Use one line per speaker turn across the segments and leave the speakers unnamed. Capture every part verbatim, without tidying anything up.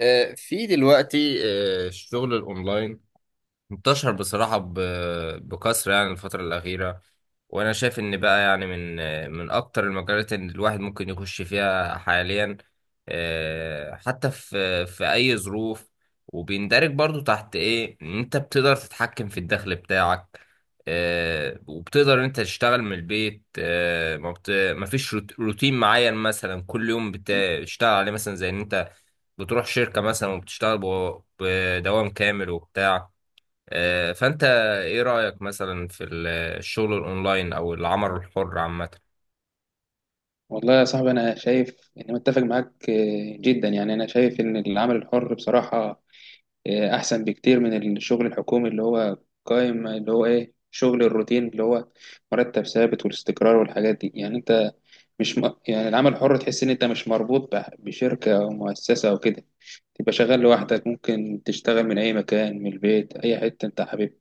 آه، في دلوقتي آه، الشغل الاونلاين انتشر بصراحة ب- بكثرة يعني الفترة الأخيرة. وأنا شايف إن بقى يعني من من أكتر المجالات إن الواحد ممكن يخش فيها حاليا، آه، حتى في في أي ظروف. وبيندرج برضو تحت إيه إن أنت بتقدر تتحكم في الدخل بتاعك، آه، وبتقدر إن أنت تشتغل من البيت. آه، ما بت... ما فيش روت- روتين معين مثلا، كل يوم بتشتغل عليه، مثلا زي إن أنت بتروح شركة مثلا وبتشتغل ب- بدوام كامل وبتاع. آه، فأنت إيه رأيك مثلا في ال- الشغل الأونلاين أو العمل الحر عامة؟
والله يا صاحبي، أنا شايف إني متفق معاك آه، جدا. يعني أنا شايف إن العمل الحر بصراحة آه، أحسن بكتير من الشغل الحكومي اللي هو قائم، اللي هو إيه، شغل الروتين اللي هو مرتب ثابت والاستقرار والحاجات دي. يعني أنت مش م... يعني العمل الحر تحس إن أنت مش مربوط بح- بشركة أو مؤسسة أو كده، تبقى شغال لوحدك، ممكن تشتغل من أي مكان، من البيت، أي حتة أنت حاببها.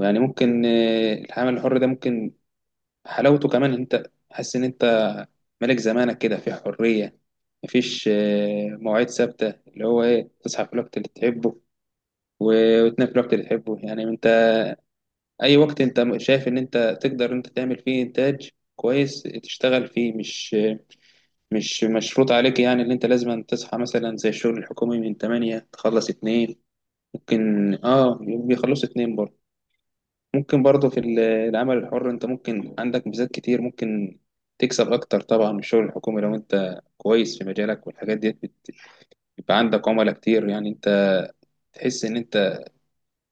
يعني ممكن آه، العمل الحر ده ممكن حلاوته كمان إن انت حاسس ان انت ملك زمانك كده، في حريه، مفيش آه، مواعيد ثابته، اللي هو ايه، تصحى في الوقت اللي تحبه و- وتنام في الوقت اللي تحبه. يعني انت اي وقت انت شايف ان انت تقدر انت تعمل فيه انتاج كويس تشتغل فيه، مش مش مشروط عليك يعني ان انت لازم تصحى مثلا زي الشغل الحكومي من تمانية تخلص اثنين. ممكن اه، بيخلصوا اثنين برضه. ممكن برضه في ال- العمل الحر انت ممكن عندك ميزات كتير، ممكن تكسب اكتر طبعا من الشغل الحكومي لو انت كويس في مجالك والحاجات دي. بت- بيبقى عندك عملاء كتير، يعني انت تحس ان انت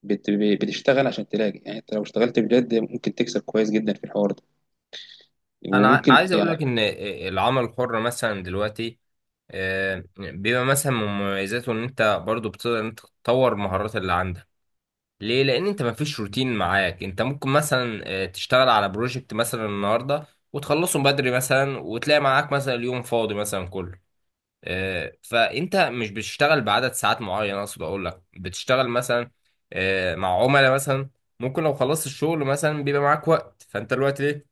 بت- بتشتغل عشان تلاقي. يعني انت لو اشتغلت بجد ممكن تكسب كويس جدا في الحوار ده،
أنا ع-
وممكن
عايز أقول
يعني.
لك إن العمل الحر مثلا دلوقتي آه، بيبقى مثلا من مميزاته إن أنت برضو بتقدر إن أنت تطور المهارات اللي عندك. ليه؟ لأن أنت مفيش روتين معاك، أنت ممكن مثلا آه، تشتغل على بروجكت مثلا النهاردة وتخلصه بدري مثلا، وتلاقي معاك مثلا اليوم فاضي مثلا كله. آه، فانت مش بتشتغل بعدد ساعات معين، اقصد اقول لك بتشتغل مثلا آه، مع عملاء مثلا. ممكن لو خلصت الشغل مثلا بيبقى معاك وقت، فانت الوقت ليه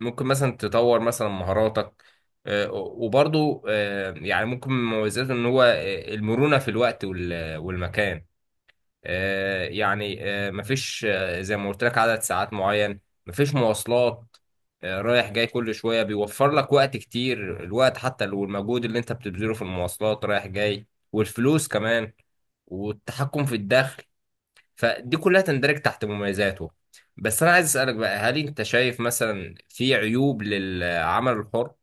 ممكن مثلا تطور مثلا مهاراتك. آه، وبرضو آه، يعني ممكن من مميزاته ان هو آه، المرونة في الوقت وال- والمكان. آه، يعني آه، مفيش آه، زي ما قلت لك عدد ساعات معين. مفيش مواصلات آه، رايح جاي كل شوية، بيوفر لك وقت كتير، الوقت حتى لو المجهود اللي انت بتبذله في المواصلات رايح جاي. والفلوس كمان، والتحكم في الدخل. فدي كلها تندرج تحت مميزاته. بس انا عايز اسألك بقى، هل انت شايف مثلا في عيوب للعمل الحر؟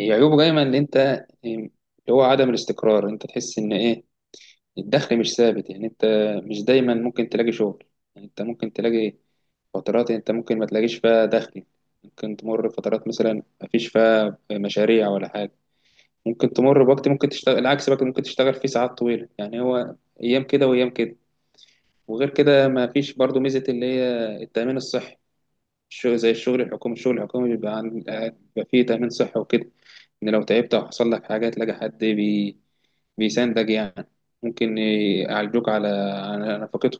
هي عيوبه دايما ان انت إيه، اللي هو عدم الاستقرار، انت تحس ان ايه، الدخل مش ثابت. يعني انت مش دايما ممكن تلاقي شغل، يعني انت ممكن تلاقي فترات انت ممكن ما تلاقيش فيها دخل، ممكن تمر فترات مثلا ما فيش فيها مشاريع ولا حاجة. ممكن تمر بوقت، ممكن تشتغل العكس بقى، ممكن تشتغل فيه ساعات طويلة. يعني هو ايام كده وايام كده. وغير كده ما فيش برضو ميزة اللي هي التأمين الصحي. الشغل زي الشغل الحكومي، الشغل الحكومي بيبقى عن آه، بيبقى فيه تأمين صحي وكده، إن لو تعبت أو حصل لك حاجة تلاقي حد بي... بيساندك يعني، ممكن يعالجوك على على نفقته.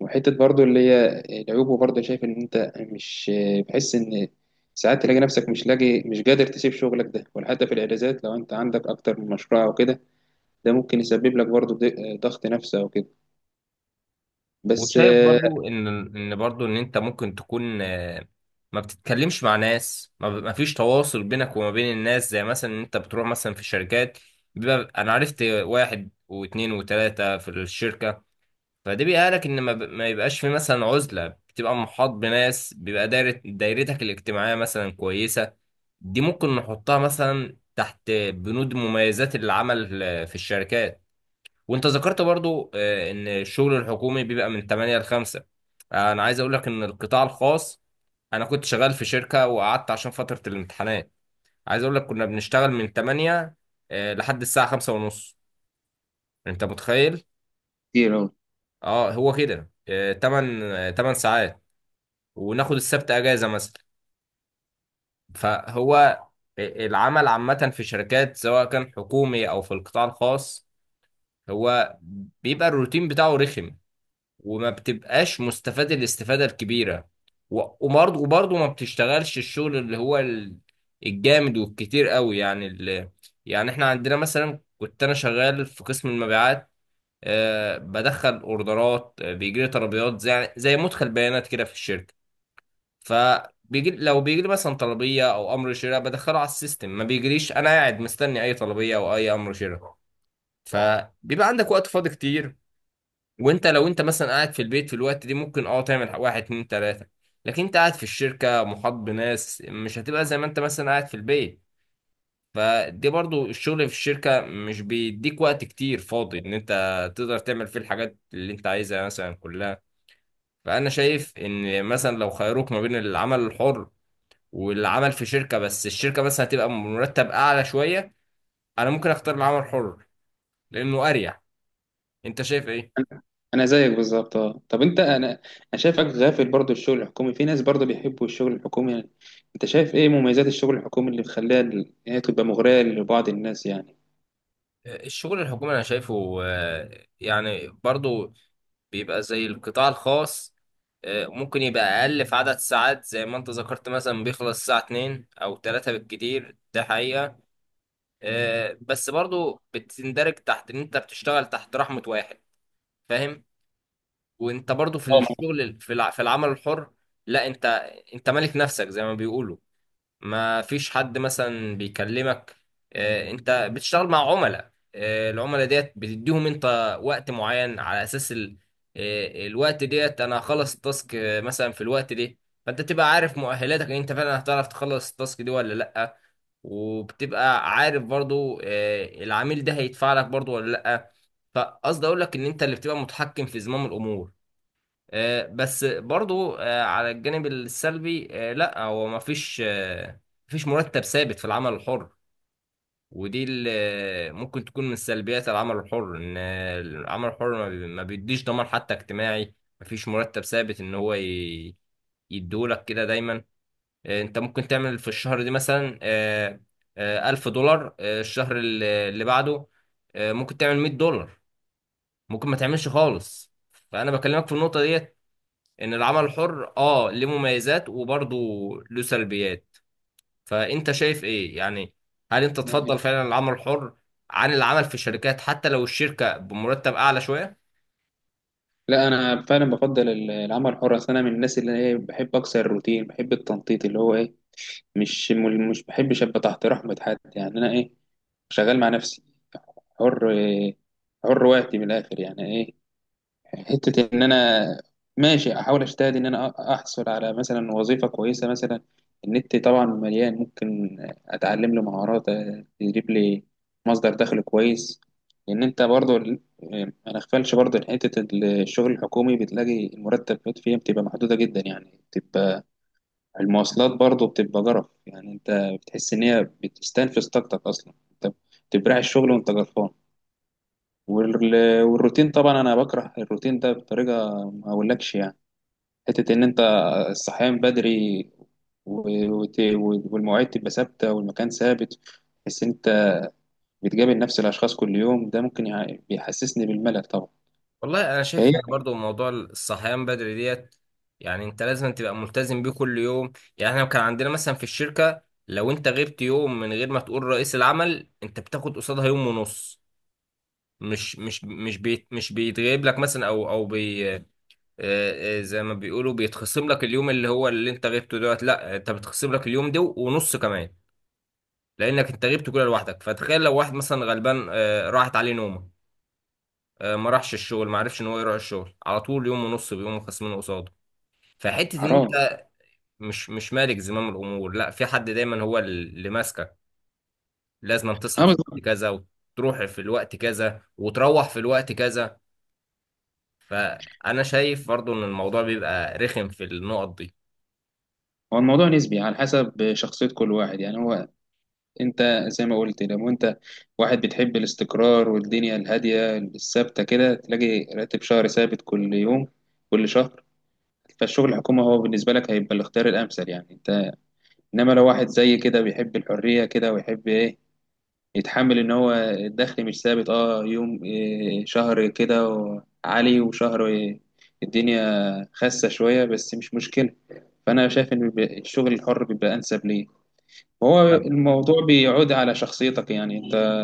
وحتة برضو اللي هي العيوب، برضو شايف إن أنت مش بحس إن ساعات تلاقي نفسك مش لاقي، مش قادر تسيب شغلك ده ولا حتى في الإجازات لو أنت عندك أكتر من مشروع أو كده. ده ممكن يسبب لك برضو ض- ضغط نفسي أو كده. بس
وشايف برضو ان ان برضو ان انت ممكن تكون آه، ما بتتكلمش مع ناس، ما ب- ما فيش تواصل بينك وما بين الناس، زي مثلا ان انت بتروح مثلا في شركات، بيبقى انا عرفت واحد واثنين وثلاثة في الشركة. فده بيقالك ان ما, ب... ما يبقاش في مثلا عزلة، بتبقى محاط بناس، بيبقى دايرة دايرتك الاجتماعية مثلا كويسة. دي ممكن نحطها مثلا تحت بنود مميزات العمل آه، في الشركات. وانت ذكرت برضو آه، ان الشغل الحكومي بيبقى من تمانية ل خمسة. آه، انا عايز اقول لك ان القطاع الخاص، انا كنت شغال في شركة وقعدت عشان فترة الامتحانات. عايز اقول لك كنا بنشتغل من تمانية آه، لحد الساعة خمسة ونص. انت متخيل؟ اه، هو كده. تمانية تمن ساعات، وناخد السبت اجازة مثلا. فهو العمل عامة في شركات سواء كان حكومي او في القطاع الخاص، هو بيبقى الروتين بتاعه رخم، وما بتبقاش مستفاد الاستفادة الكبيرة. و- وبرضه وبرضه ما بتشتغلش الشغل اللي هو ال- الجامد والكتير قوي، يعني ال... يعني احنا عندنا مثلا. كنت انا شغال في قسم المبيعات، آه بدخل اوردرات، آه بيجي لي طلبيات زي زي مدخل بيانات كده في الشركة. فبيجي لو بيجي لي مثلا طلبية او امر شراء، بدخله على السيستم. ما بيجريش انا قاعد مستني اي طلبية او اي امر شراء، فبيبقى عندك وقت فاضي كتير. وانت لو انت مثلا قاعد في البيت في الوقت دي ممكن اه تعمل واحد اتنين تلاتة. لكن انت قاعد في الشركة محاط بناس، مش هتبقى زي ما انت مثلا قاعد في البيت. فدي برضو الشغل في الشركة مش بيديك وقت كتير فاضي ان انت تقدر تعمل فيه الحاجات اللي انت عايزها مثلا كلها. فانا شايف ان مثلا لو خيروك ما بين العمل الحر والعمل في شركة، بس الشركة مثلا هتبقى مرتب اعلى شوية، انا ممكن اختار العمل الحر لانه اريح. انت شايف ايه؟
انا أنا زيك بالظبط. اه طب انت، انا انا شايفك غافل. برضو الشغل الحكومي، في ناس برضو بيحبوا الشغل الحكومي. يعني انت شايف ايه مميزات الشغل الحكومي اللي مخليها ال- هي تبقى مغرية لبعض الناس يعني؟
الشغل الحكومي انا شايفه آه، يعني برضو بيبقى زي القطاع الخاص. آه، ممكن يبقى اقل في عدد ساعات زي ما انت ذكرت، مثلا بيخلص الساعة اثنين او تلاتة بالكتير، ده حقيقة. آه، بس برضو بتندرج تحت ان انت بتشتغل تحت رحمة واحد، فاهم؟ وانت برضو في
اه.
الشغل في الع- في العمل الحر، لا انت انت مالك نفسك زي ما بيقولوا. ما فيش حد مثلا بيكلمك. آه، انت بتشتغل مع عملاء. آه، العملاء ديت بتديهم انت وقت معين على اساس ال... آه، الوقت ديت انا هخلص التاسك آه، مثلا في الوقت ده. فانت تبقى عارف مؤهلاتك ان انت فعلا هتعرف تخلص التاسك دي ولا لا، وبتبقى عارف برضو آه، العميل ده هيدفع لك برضو ولا لا. فقصدي اقول لك ان انت اللي بتبقى متحكم في زمام الامور. آه، بس برضو آه، على الجانب السلبي، آه، لا هو ما فيش آه، مفيش مرتب ثابت في العمل الحر. ودي اللي ممكن تكون من سلبيات العمل الحر، ان آه، العمل الحر ما بي- ما بيديش ضمان حتى اجتماعي. ما فيش مرتب ثابت ان هو ي- يديهولك كده دايما. آه، انت ممكن تعمل في الشهر دي مثلا، آه، آه، ألف دولار. آه، الشهر اللي اللي بعده آه، ممكن تعمل مية دولار، ممكن ما تعملش خالص. فأنا بكلمك في النقطة دي، ان العمل الحر اه ليه مميزات وبرضه له سلبيات. فانت شايف ايه يعني؟ هل انت
ما-
تفضل فعلا العمل الحر عن العمل في الشركات حتى لو الشركة بمرتب اعلى شوية؟
لا، انا فعلا بفضل ال- العمل الحر. أصل انا من الناس اللي هي بحب اكسر الروتين، بحب التنطيط اللي هو ايه، مش م- مش بحبش ابقى تحت رحمة حد. يعني انا ايه، شغال مع نفسي، حر، حر وقتي من الاخر. يعني إيه، حتة إن أنا ماشي أحاول أجتهد إن أنا أحصل على مثلا وظيفة كويسة مثلا. النت طبعا مليان، ممكن أتعلم لي مهارات تجيب لي مصدر دخل كويس. لأن أنت برضو ال- ما نغفلش برضو إن حتة الشغل الحكومي بتلاقي المرتبات فيها بتبقى محدودة جدا، يعني بتبقى المواصلات برضو بتبقى جرف. يعني أنت بتحس إن هي بتستنفذ طاقتك أصلا، أنت بتبرع الشغل وأنت جرفان. وال- والروتين طبعا انا بكره الروتين ده بطريقه ما اقولكش يعني. حته ان انت الصحيان بدري و- وت- والمواعيد تبقى ثابته والمكان ثابت، بس انت بتقابل نفس الاشخاص كل يوم، ده ممكن يع- بيحسسني بالملل طبعا.
والله انا شايف
فهي
ان برضه موضوع الصحيان بدري ديت، يعني انت لازم تبقى ملتزم بيه كل يوم. يعني احنا كان عندنا مثلا في الشركة، لو انت غبت يوم من غير ما تقول رئيس العمل، انت بتاخد قصادها يوم ونص. مش مش مش بيت مش بيتغيب لك مثلا او او بي. آه، آه، زي ما بيقولوا بيتخصم لك اليوم اللي هو اللي انت غبته دوت، لا انت بتخصم لك اليوم ده ونص كمان، لانك انت غبت كده لوحدك. فتخيل لو واحد مثلا غلبان آه، راحت عليه نومه، آه، ما راحش الشغل، ما عرفش ان هو يروح الشغل، على طول يوم ونص بيقوموا خصمينه قصاده. فحته ان
حرام.
انت مش مش مالك زمام الامور، لا، في حد دايما هو اللي ماسكك. لازم تصحى
اه
في الوقت
بالظبط.
كذا وتروح في الوقت كذا وتروح في الوقت كذا فانا شايف برضو ان الموضوع بيبقى رخم في النقط دي.
هو الموضوع نسبي على حسب شخصيه كل واحد. يعني هو انت زي ما قلت، لو انت واحد بتحب الاستقرار والدنيا الهاديه الثابته كده، تلاقي راتب شهري ثابت كل يوم، كل شهر، فالشغل الحكومي هو بالنسبة لك هيبقى الاختيار الأمثل. يعني أنت إنما لو واحد زي كده بيحب الحرية كده ويحب إيه، يتحمل إن هو الدخل مش ثابت، أه، يوم إيه، شهر كده و- عالي وشهر إيه، الدنيا خاسة شوية، بس مش مشكلة، فأنا شايف إن بيبقى- الشغل الحر بيبقى أنسب ليه. وهو الموضوع بيعود على شخصيتك، يعني أنت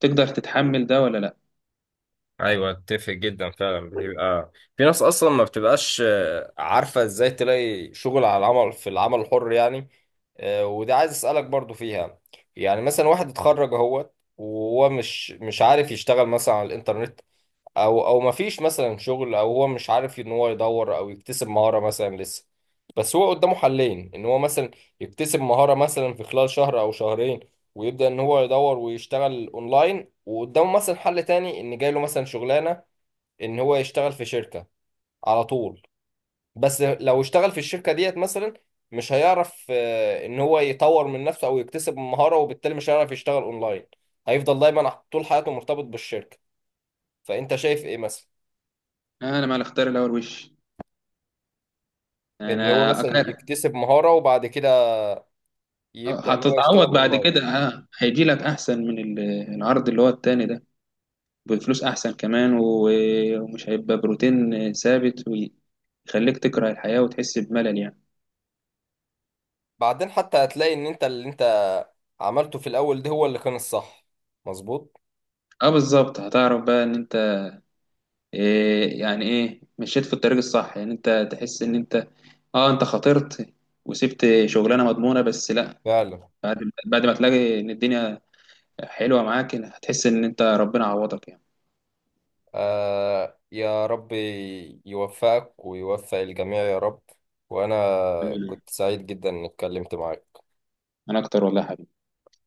تقدر تتحمل ده ولا لأ.
ايوه، اتفق جدا فعلا. بتبقى في ناس اصلا ما بتبقاش آه، عارفه ازاي تلاقي شغل على العمل في العمل الحر يعني. آه، وده عايز اسالك برضو فيها. يعني مثلا واحد اتخرج اهوت وهو مش مش عارف يشتغل مثلا على الانترنت، او او ما فيش مثلا شغل، او هو مش عارف ان هو يدور او يكتسب مهاره مثلا لسه. بس هو قدامه حلين، ان هو مثلا يكتسب مهاره مثلا في خلال شهر او شهرين، ويبدا ان هو يدور ويشتغل اونلاين. وقدامه مثلا حل تاني ان جاي له مثلا شغلانه، ان هو يشتغل في شركة على طول. بس لو اشتغل في الشركة ديت مثلا، مش هيعرف آه، ان هو يطور من نفسه او يكتسب مهارة، وبالتالي مش هيعرف يشتغل اونلاين، هيفضل دايما طول حياته مرتبط بالشركة. فانت شايف ايه مثلا،
أنا مع الاختيار الأول وش.
ان هو
أنا
مثلا يكتسب مهارة وبعد كده
آه،
يبدأ ان هو يشتغل
هتتعوض بعد
اونلاين؟
كده، ه- هيجي لك احسن من ال- العرض اللي هو التاني ده، بفلوس احسن كمان، و- ومش هيبقى بروتين ثابت ويخليك تكره الحياة وتحس بملل يعني.
بعدين حتى هتلاقي ان انت اللي انت عملته في الاول ده هو اللي كان الصح، مظبوط.
اه بالظبط، هتعرف بقى ان انت إيه، يعني ايه، مشيت في الطريق الصح. يعني انت تحس ان انت اه، انت خاطرت وسبت شغلانه مضمونه، بس لا،
فعلا.
بعد بعد ما تلاقي ان الدنيا حلوه معاك هتحس ان انت ربنا عوضك يعني.
آه يا رب، يوفقك ويوفق الجميع يا رب. وأنا
مم.
كنت سعيد جدا إني اتكلمت معاك.
انا اكتر والله يا حبيبي.